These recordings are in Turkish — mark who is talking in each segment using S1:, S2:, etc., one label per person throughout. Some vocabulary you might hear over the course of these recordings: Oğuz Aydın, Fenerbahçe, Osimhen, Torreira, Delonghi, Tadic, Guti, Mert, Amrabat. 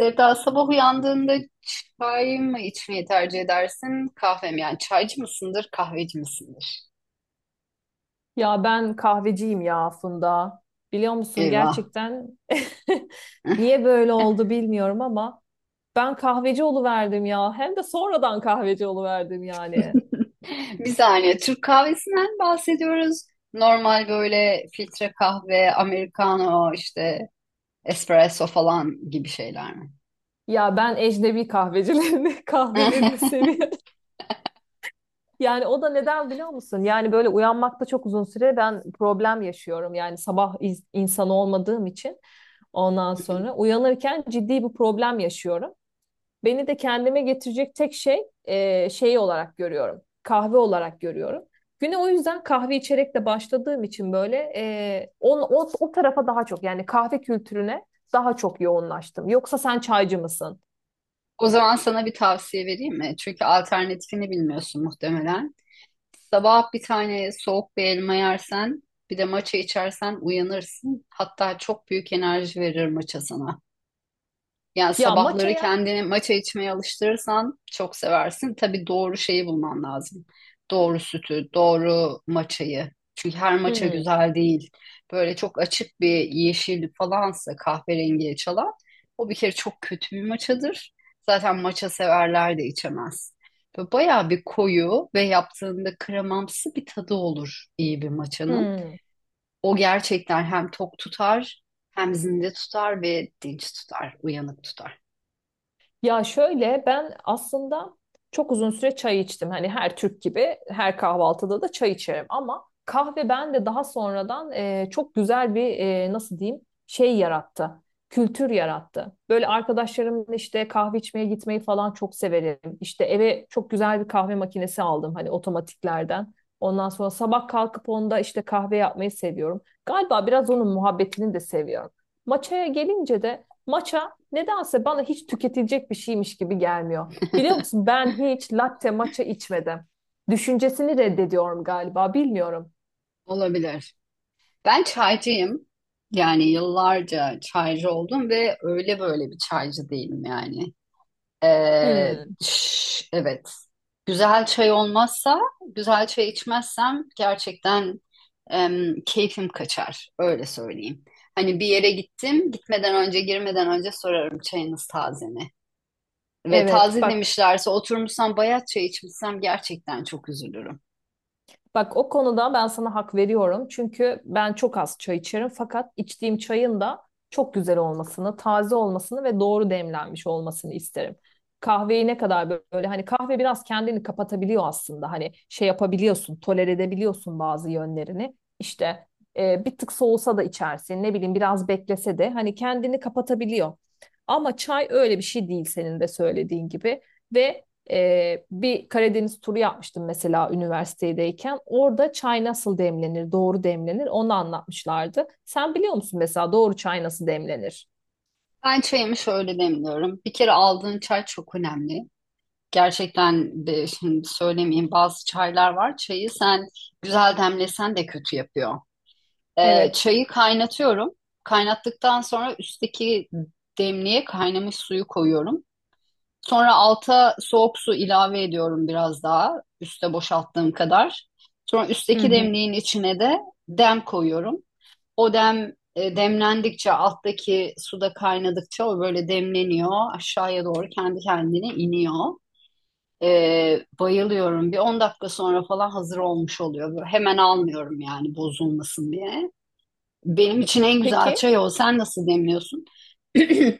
S1: Sevda sabah uyandığında çay mı içmeyi tercih edersin? Kahve mi? Yani çaycı mısındır, kahveci misindir?
S2: Ya ben kahveciyim ya aslında. Biliyor musun,
S1: Eyvah.
S2: gerçekten niye böyle oldu bilmiyorum ama ben kahveci oluverdim ya. Hem de sonradan kahveci oluverdim yani.
S1: Bir saniye. Türk kahvesinden bahsediyoruz. Normal böyle filtre kahve, americano, işte espresso falan gibi şeyler mi?
S2: Ya ben ecnebi kahvecilerini, kahvelerini seviyorum. Yani o da neden biliyor musun? Yani böyle uyanmakta çok uzun süre ben problem yaşıyorum. Yani insanı olmadığım için ondan sonra uyanırken ciddi bir problem yaşıyorum. Beni de kendime getirecek tek şey olarak görüyorum. Kahve olarak görüyorum. Güne o yüzden kahve içerek de başladığım için böyle o tarafa daha çok, yani kahve kültürüne daha çok yoğunlaştım. Yoksa sen çaycı mısın?
S1: O zaman sana bir tavsiye vereyim mi? Çünkü alternatifini bilmiyorsun muhtemelen. Sabah bir tane soğuk bir elma yersen, bir de maça içersen uyanırsın. Hatta çok büyük enerji verir maça sana. Yani
S2: Ya
S1: sabahları
S2: matcha'ya
S1: kendini matcha içmeye alıştırırsan çok seversin. Tabii doğru şeyi bulman lazım. Doğru sütü, doğru matchayı. Çünkü her matcha
S2: hmm,
S1: güzel değil. Böyle çok açık bir yeşil falansa kahverengiye çalan o bir kere çok kötü bir matchadır. Zaten matcha severler de içemez. Böyle bayağı bir koyu ve yaptığında kremamsı bir tadı olur iyi bir matchanın.
S2: hmm.
S1: O gerçekten hem tok tutar hem zinde tutar ve dinç tutar, uyanık tutar.
S2: Ya şöyle, ben aslında çok uzun süre çay içtim. Hani her Türk gibi her kahvaltıda da çay içerim ama kahve bende daha sonradan çok güzel bir nasıl diyeyim, şey yarattı. Kültür yarattı. Böyle arkadaşlarımla işte kahve içmeye gitmeyi falan çok severim. İşte eve çok güzel bir kahve makinesi aldım, hani otomatiklerden. Ondan sonra sabah kalkıp onda işte kahve yapmayı seviyorum. Galiba biraz onun muhabbetini de seviyorum. Maçaya gelince de matcha nedense bana hiç tüketilecek bir şeymiş gibi gelmiyor. Biliyor musun, ben hiç latte matcha içmedim. Düşüncesini reddediyorum galiba, bilmiyorum.
S1: Olabilir. Ben çaycıyım. Yani yıllarca çaycı oldum ve öyle böyle bir çaycı değilim yani. Ee,
S2: Hmm,
S1: evet. Güzel çay olmazsa, güzel çay içmezsem gerçekten keyfim kaçar. Öyle söyleyeyim. Hani bir yere gittim, gitmeden önce, girmeden önce sorarım çayınız taze mi? Ve
S2: evet,
S1: taze
S2: bak,
S1: demişlerse oturmuşsam bayat çay içmişsem gerçekten çok üzülürüm.
S2: bak, o konuda ben sana hak veriyorum. Çünkü ben çok az çay içerim. Fakat içtiğim çayın da çok güzel olmasını, taze olmasını ve doğru demlenmiş olmasını isterim. Kahveyi ne kadar böyle, hani kahve biraz kendini kapatabiliyor aslında. Hani şey yapabiliyorsun, tolere edebiliyorsun bazı yönlerini. İşte bir tık soğusa da içersin, ne bileyim, biraz beklese de hani kendini kapatabiliyor. Ama çay öyle bir şey değil, senin de söylediğin gibi ve bir Karadeniz turu yapmıştım mesela üniversitedeyken. Orada çay nasıl demlenir, doğru demlenir onu anlatmışlardı. Sen biliyor musun mesela doğru çay nasıl demlenir?
S1: Ben çayımı şöyle demliyorum. Bir kere aldığın çay çok önemli. Gerçekten de şimdi söylemeyeyim bazı çaylar var. Çayı sen güzel demlesen de kötü yapıyor.
S2: Evet.
S1: Çayı kaynatıyorum. Kaynattıktan sonra üstteki demliğe kaynamış suyu koyuyorum. Sonra alta soğuk su ilave ediyorum biraz daha. Üste boşalttığım kadar. Sonra
S2: Hı
S1: üstteki
S2: hı.
S1: demliğin içine de dem koyuyorum. O dem demlendikçe alttaki suda kaynadıkça o böyle demleniyor. Aşağıya doğru kendi kendine iniyor. Bayılıyorum. Bir 10 dakika sonra falan hazır olmuş oluyor. Böyle hemen almıyorum yani bozulmasın diye. Benim için en güzel
S2: Peki.
S1: çay o. Sen nasıl demliyorsun?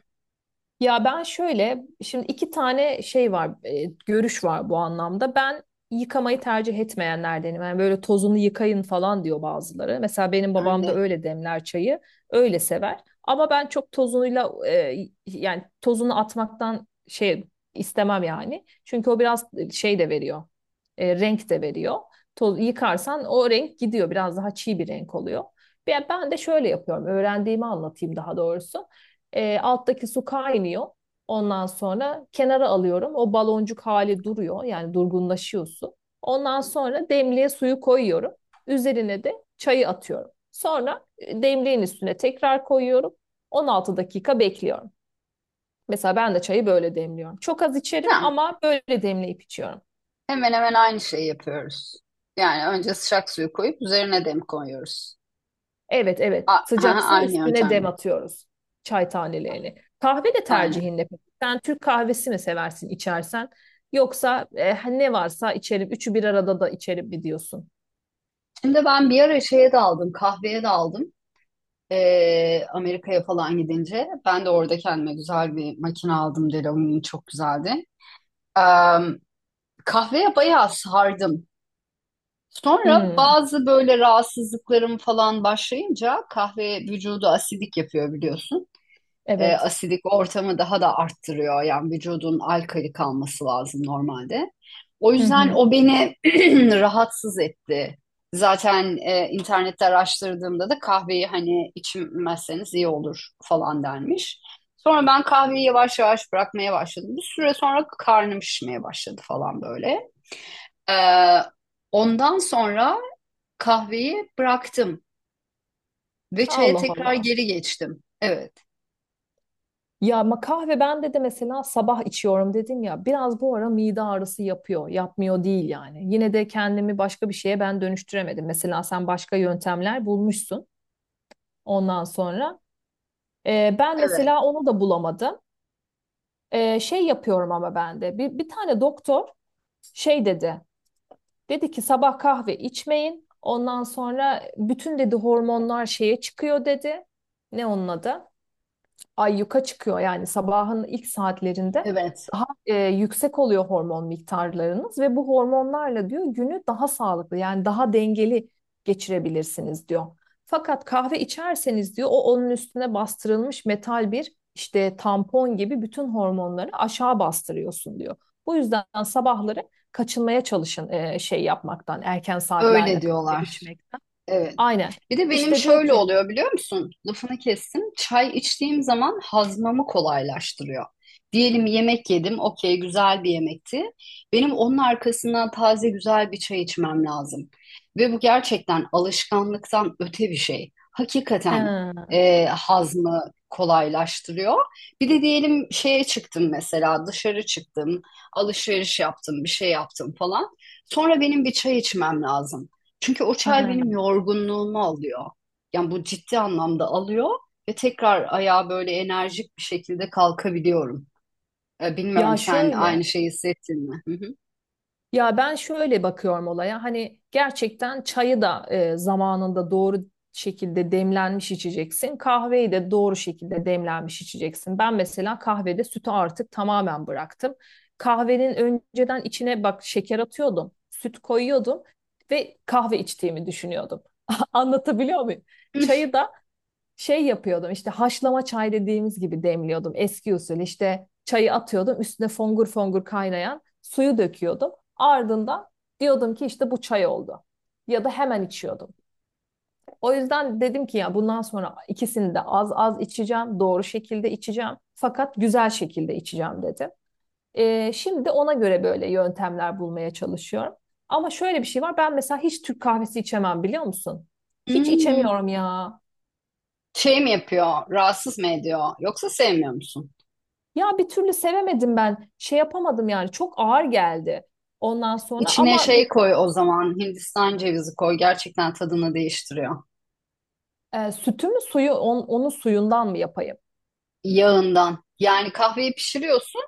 S2: Ya ben şöyle, şimdi iki tane şey var, görüş var bu anlamda. Ben yıkamayı tercih etmeyenlerdenim. Yani böyle tozunu yıkayın falan diyor bazıları. Mesela benim
S1: Ben
S2: babam da
S1: de.
S2: öyle demler çayı, öyle sever. Ama ben çok tozunuyla, yani tozunu atmaktan şey istemem yani. Çünkü o biraz şey de veriyor, renk de veriyor. Toz, yıkarsan o renk gidiyor, biraz daha çiğ bir renk oluyor. Ben de şöyle yapıyorum, öğrendiğimi anlatayım daha doğrusu. Alttaki su kaynıyor. Ondan sonra kenara alıyorum. O baloncuk hali duruyor. Yani durgunlaşıyor su. Ondan sonra demliğe suyu koyuyorum. Üzerine de çayı atıyorum. Sonra demliğin üstüne tekrar koyuyorum. 16 dakika bekliyorum. Mesela ben de çayı böyle demliyorum. Çok az içerim
S1: Tamam.
S2: ama böyle demleyip içiyorum.
S1: Hemen hemen aynı şeyi yapıyoruz. Yani önce sıcak suyu koyup üzerine dem koyuyoruz.
S2: Evet, evet.
S1: A- aha,
S2: Sıcak su
S1: aynı
S2: üstüne dem
S1: yöntemle.
S2: atıyoruz. Çay tanelerini. Kahve de
S1: Aynen.
S2: tercihin ne peki? Sen Türk kahvesi mi seversin, içersen? Yoksa ne varsa içerim. Üçü bir arada da içerim mi diyorsun?
S1: Şimdi ben bir ara şeye daldım, kahveye daldım. Amerika'ya falan gidince. Ben de orada kendime güzel bir makine aldım. Delonghi çok güzeldi. Ee, kahveye bayağı sardım. Sonra
S2: Hmm,
S1: bazı böyle rahatsızlıklarım falan başlayınca kahve vücudu asidik yapıyor biliyorsun.
S2: evet.
S1: Asidik ortamı daha da arttırıyor. Yani vücudun alkali kalması lazım normalde. O
S2: Hı
S1: yüzden
S2: hı.
S1: o beni rahatsız etti. Zaten internette araştırdığımda da kahveyi hani içmezseniz iyi olur falan denmiş. Sonra ben kahveyi yavaş yavaş bırakmaya başladım. Bir süre sonra karnım şişmeye başladı falan böyle. Ee, Ondan sonra kahveyi bıraktım ve çaya
S2: Allah
S1: tekrar
S2: Allah.
S1: geri geçtim. Evet,
S2: Ya ama kahve bende de mesela sabah içiyorum dedim ya. Biraz bu ara mide ağrısı yapıyor. Yapmıyor değil yani. Yine de kendimi başka bir şeye ben dönüştüremedim. Mesela sen başka yöntemler bulmuşsun ondan sonra. Ben
S1: evet,
S2: mesela onu da bulamadım. Şey yapıyorum ama ben de. Bir tane doktor şey dedi. Dedi ki sabah kahve içmeyin. Ondan sonra bütün, dedi, hormonlar şeye çıkıyor, dedi. Ne onun adı? Ay yuka çıkıyor, yani sabahın ilk saatlerinde
S1: evet.
S2: daha yüksek oluyor hormon miktarlarınız ve bu hormonlarla, diyor, günü daha sağlıklı, yani daha dengeli geçirebilirsiniz diyor. Fakat kahve içerseniz, diyor, o onun üstüne bastırılmış metal bir işte tampon gibi bütün hormonları aşağı bastırıyorsun diyor. Bu yüzden sabahları kaçınmaya çalışın şey yapmaktan, erken
S1: Öyle
S2: saatlerde kahve
S1: diyorlar.
S2: içmekten.
S1: Evet.
S2: Aynen.
S1: Bir de benim
S2: İşte diyor
S1: şöyle
S2: ki
S1: oluyor biliyor musun? Lafını kestim. Çay içtiğim zaman hazmamı kolaylaştırıyor. Diyelim yemek yedim. Okey güzel bir yemekti. Benim onun arkasından taze güzel bir çay içmem lazım. Ve bu gerçekten alışkanlıktan öte bir şey.
S2: he,
S1: Hakikaten hazmı kolaylaştırıyor. Bir de diyelim şeye çıktım mesela dışarı çıktım. Alışveriş yaptım bir şey yaptım falan. Sonra benim bir çay içmem lazım. Çünkü o çay benim
S2: he.
S1: yorgunluğumu alıyor. Yani bu ciddi anlamda alıyor ve tekrar ayağa böyle enerjik bir şekilde kalkabiliyorum. Bilmiyorum
S2: Ya
S1: sen
S2: şöyle
S1: aynı şeyi hissettin mi? Hı hı.
S2: Ya ben şöyle bakıyorum olaya, hani gerçekten çayı da zamanında doğru şekilde demlenmiş içeceksin. Kahveyi de doğru şekilde demlenmiş içeceksin. Ben mesela kahvede sütü artık tamamen bıraktım. Kahvenin önceden içine bak şeker atıyordum, süt koyuyordum ve kahve içtiğimi düşünüyordum. Anlatabiliyor muyum? Çayı da şey yapıyordum, işte haşlama çay dediğimiz gibi demliyordum eski usul, işte çayı atıyordum, üstüne fongur fongur kaynayan suyu döküyordum, ardından diyordum ki işte bu çay oldu ya da hemen içiyordum. O yüzden dedim ki ya bundan sonra ikisini de az az içeceğim, doğru şekilde içeceğim fakat güzel şekilde içeceğim dedim. Şimdi ona göre böyle yöntemler bulmaya çalışıyorum. Ama şöyle bir şey var, ben mesela hiç Türk kahvesi içemem biliyor musun? Hiç
S1: Hmm.
S2: içemiyorum ya.
S1: Şey mi yapıyor? Rahatsız mı ediyor? Yoksa sevmiyor musun?
S2: Ya bir türlü sevemedim ben. Şey yapamadım yani, çok ağır geldi. Ondan sonra
S1: İçine
S2: ama
S1: şey koy o zaman. Hindistan cevizi koy. Gerçekten tadını değiştiriyor.
S2: sütü mü, onun suyundan mı yapayım?
S1: Yağından. Yani kahveyi pişiriyorsun.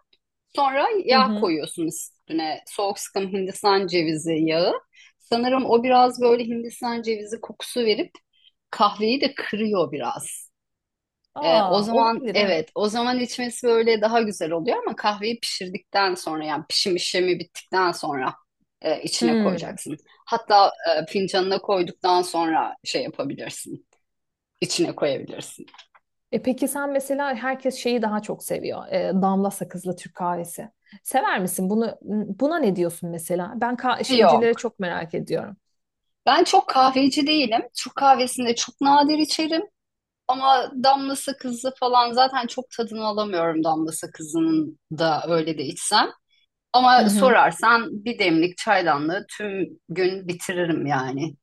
S1: Sonra
S2: Hı
S1: yağ
S2: hı.
S1: koyuyorsunuz üstüne. Soğuk sıkım Hindistan cevizi yağı. Sanırım o biraz böyle Hindistan cevizi kokusu verip kahveyi de kırıyor biraz. O
S2: Aa,
S1: zaman
S2: olabilir, evet.
S1: evet, o zaman içmesi böyle daha güzel oluyor ama kahveyi pişirdikten sonra yani pişim işlemi bittikten sonra içine
S2: Hmm.
S1: koyacaksın. Hatta fincanına koyduktan sonra şey yapabilirsin, içine koyabilirsin.
S2: E peki sen mesela, herkes şeyi daha çok seviyor. E, damla sakızlı Türk kahvesi. Sever misin bunu? Buna ne diyorsun mesela? Şeycilere
S1: Yok.
S2: çok merak ediyorum.
S1: Ben çok kahveci değilim. Türk kahvesinde çok nadir içerim. Ama damla sakızı falan zaten çok tadını alamıyorum damla sakızının da öyle de içsem.
S2: Hı
S1: Ama
S2: hı.
S1: sorarsan bir demlik çaydanlığı tüm gün bitiririm yani.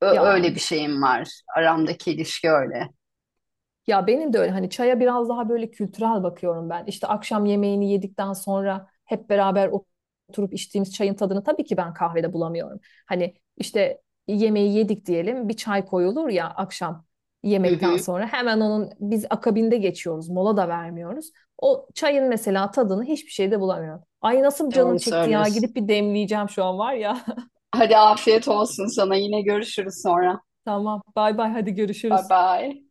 S2: Ya
S1: Öyle bir şeyim var. Aramdaki ilişki öyle.
S2: Ya benim de öyle, hani çaya biraz daha böyle kültürel bakıyorum ben. İşte akşam yemeğini yedikten sonra hep beraber oturup içtiğimiz çayın tadını tabii ki ben kahvede bulamıyorum. Hani işte yemeği yedik diyelim, bir çay koyulur ya akşam,
S1: Hı
S2: yemekten
S1: hı,
S2: sonra hemen onun biz akabinde geçiyoruz, mola da vermiyoruz. O çayın mesela tadını hiçbir şeyde bulamıyorum. Ay nasıl canım
S1: doğru
S2: çekti ya,
S1: söylüyorsun.
S2: gidip bir demleyeceğim şu an var ya.
S1: Hadi afiyet olsun sana. Yine görüşürüz sonra.
S2: Tamam, bay bay, hadi
S1: Bye
S2: görüşürüz.
S1: bye.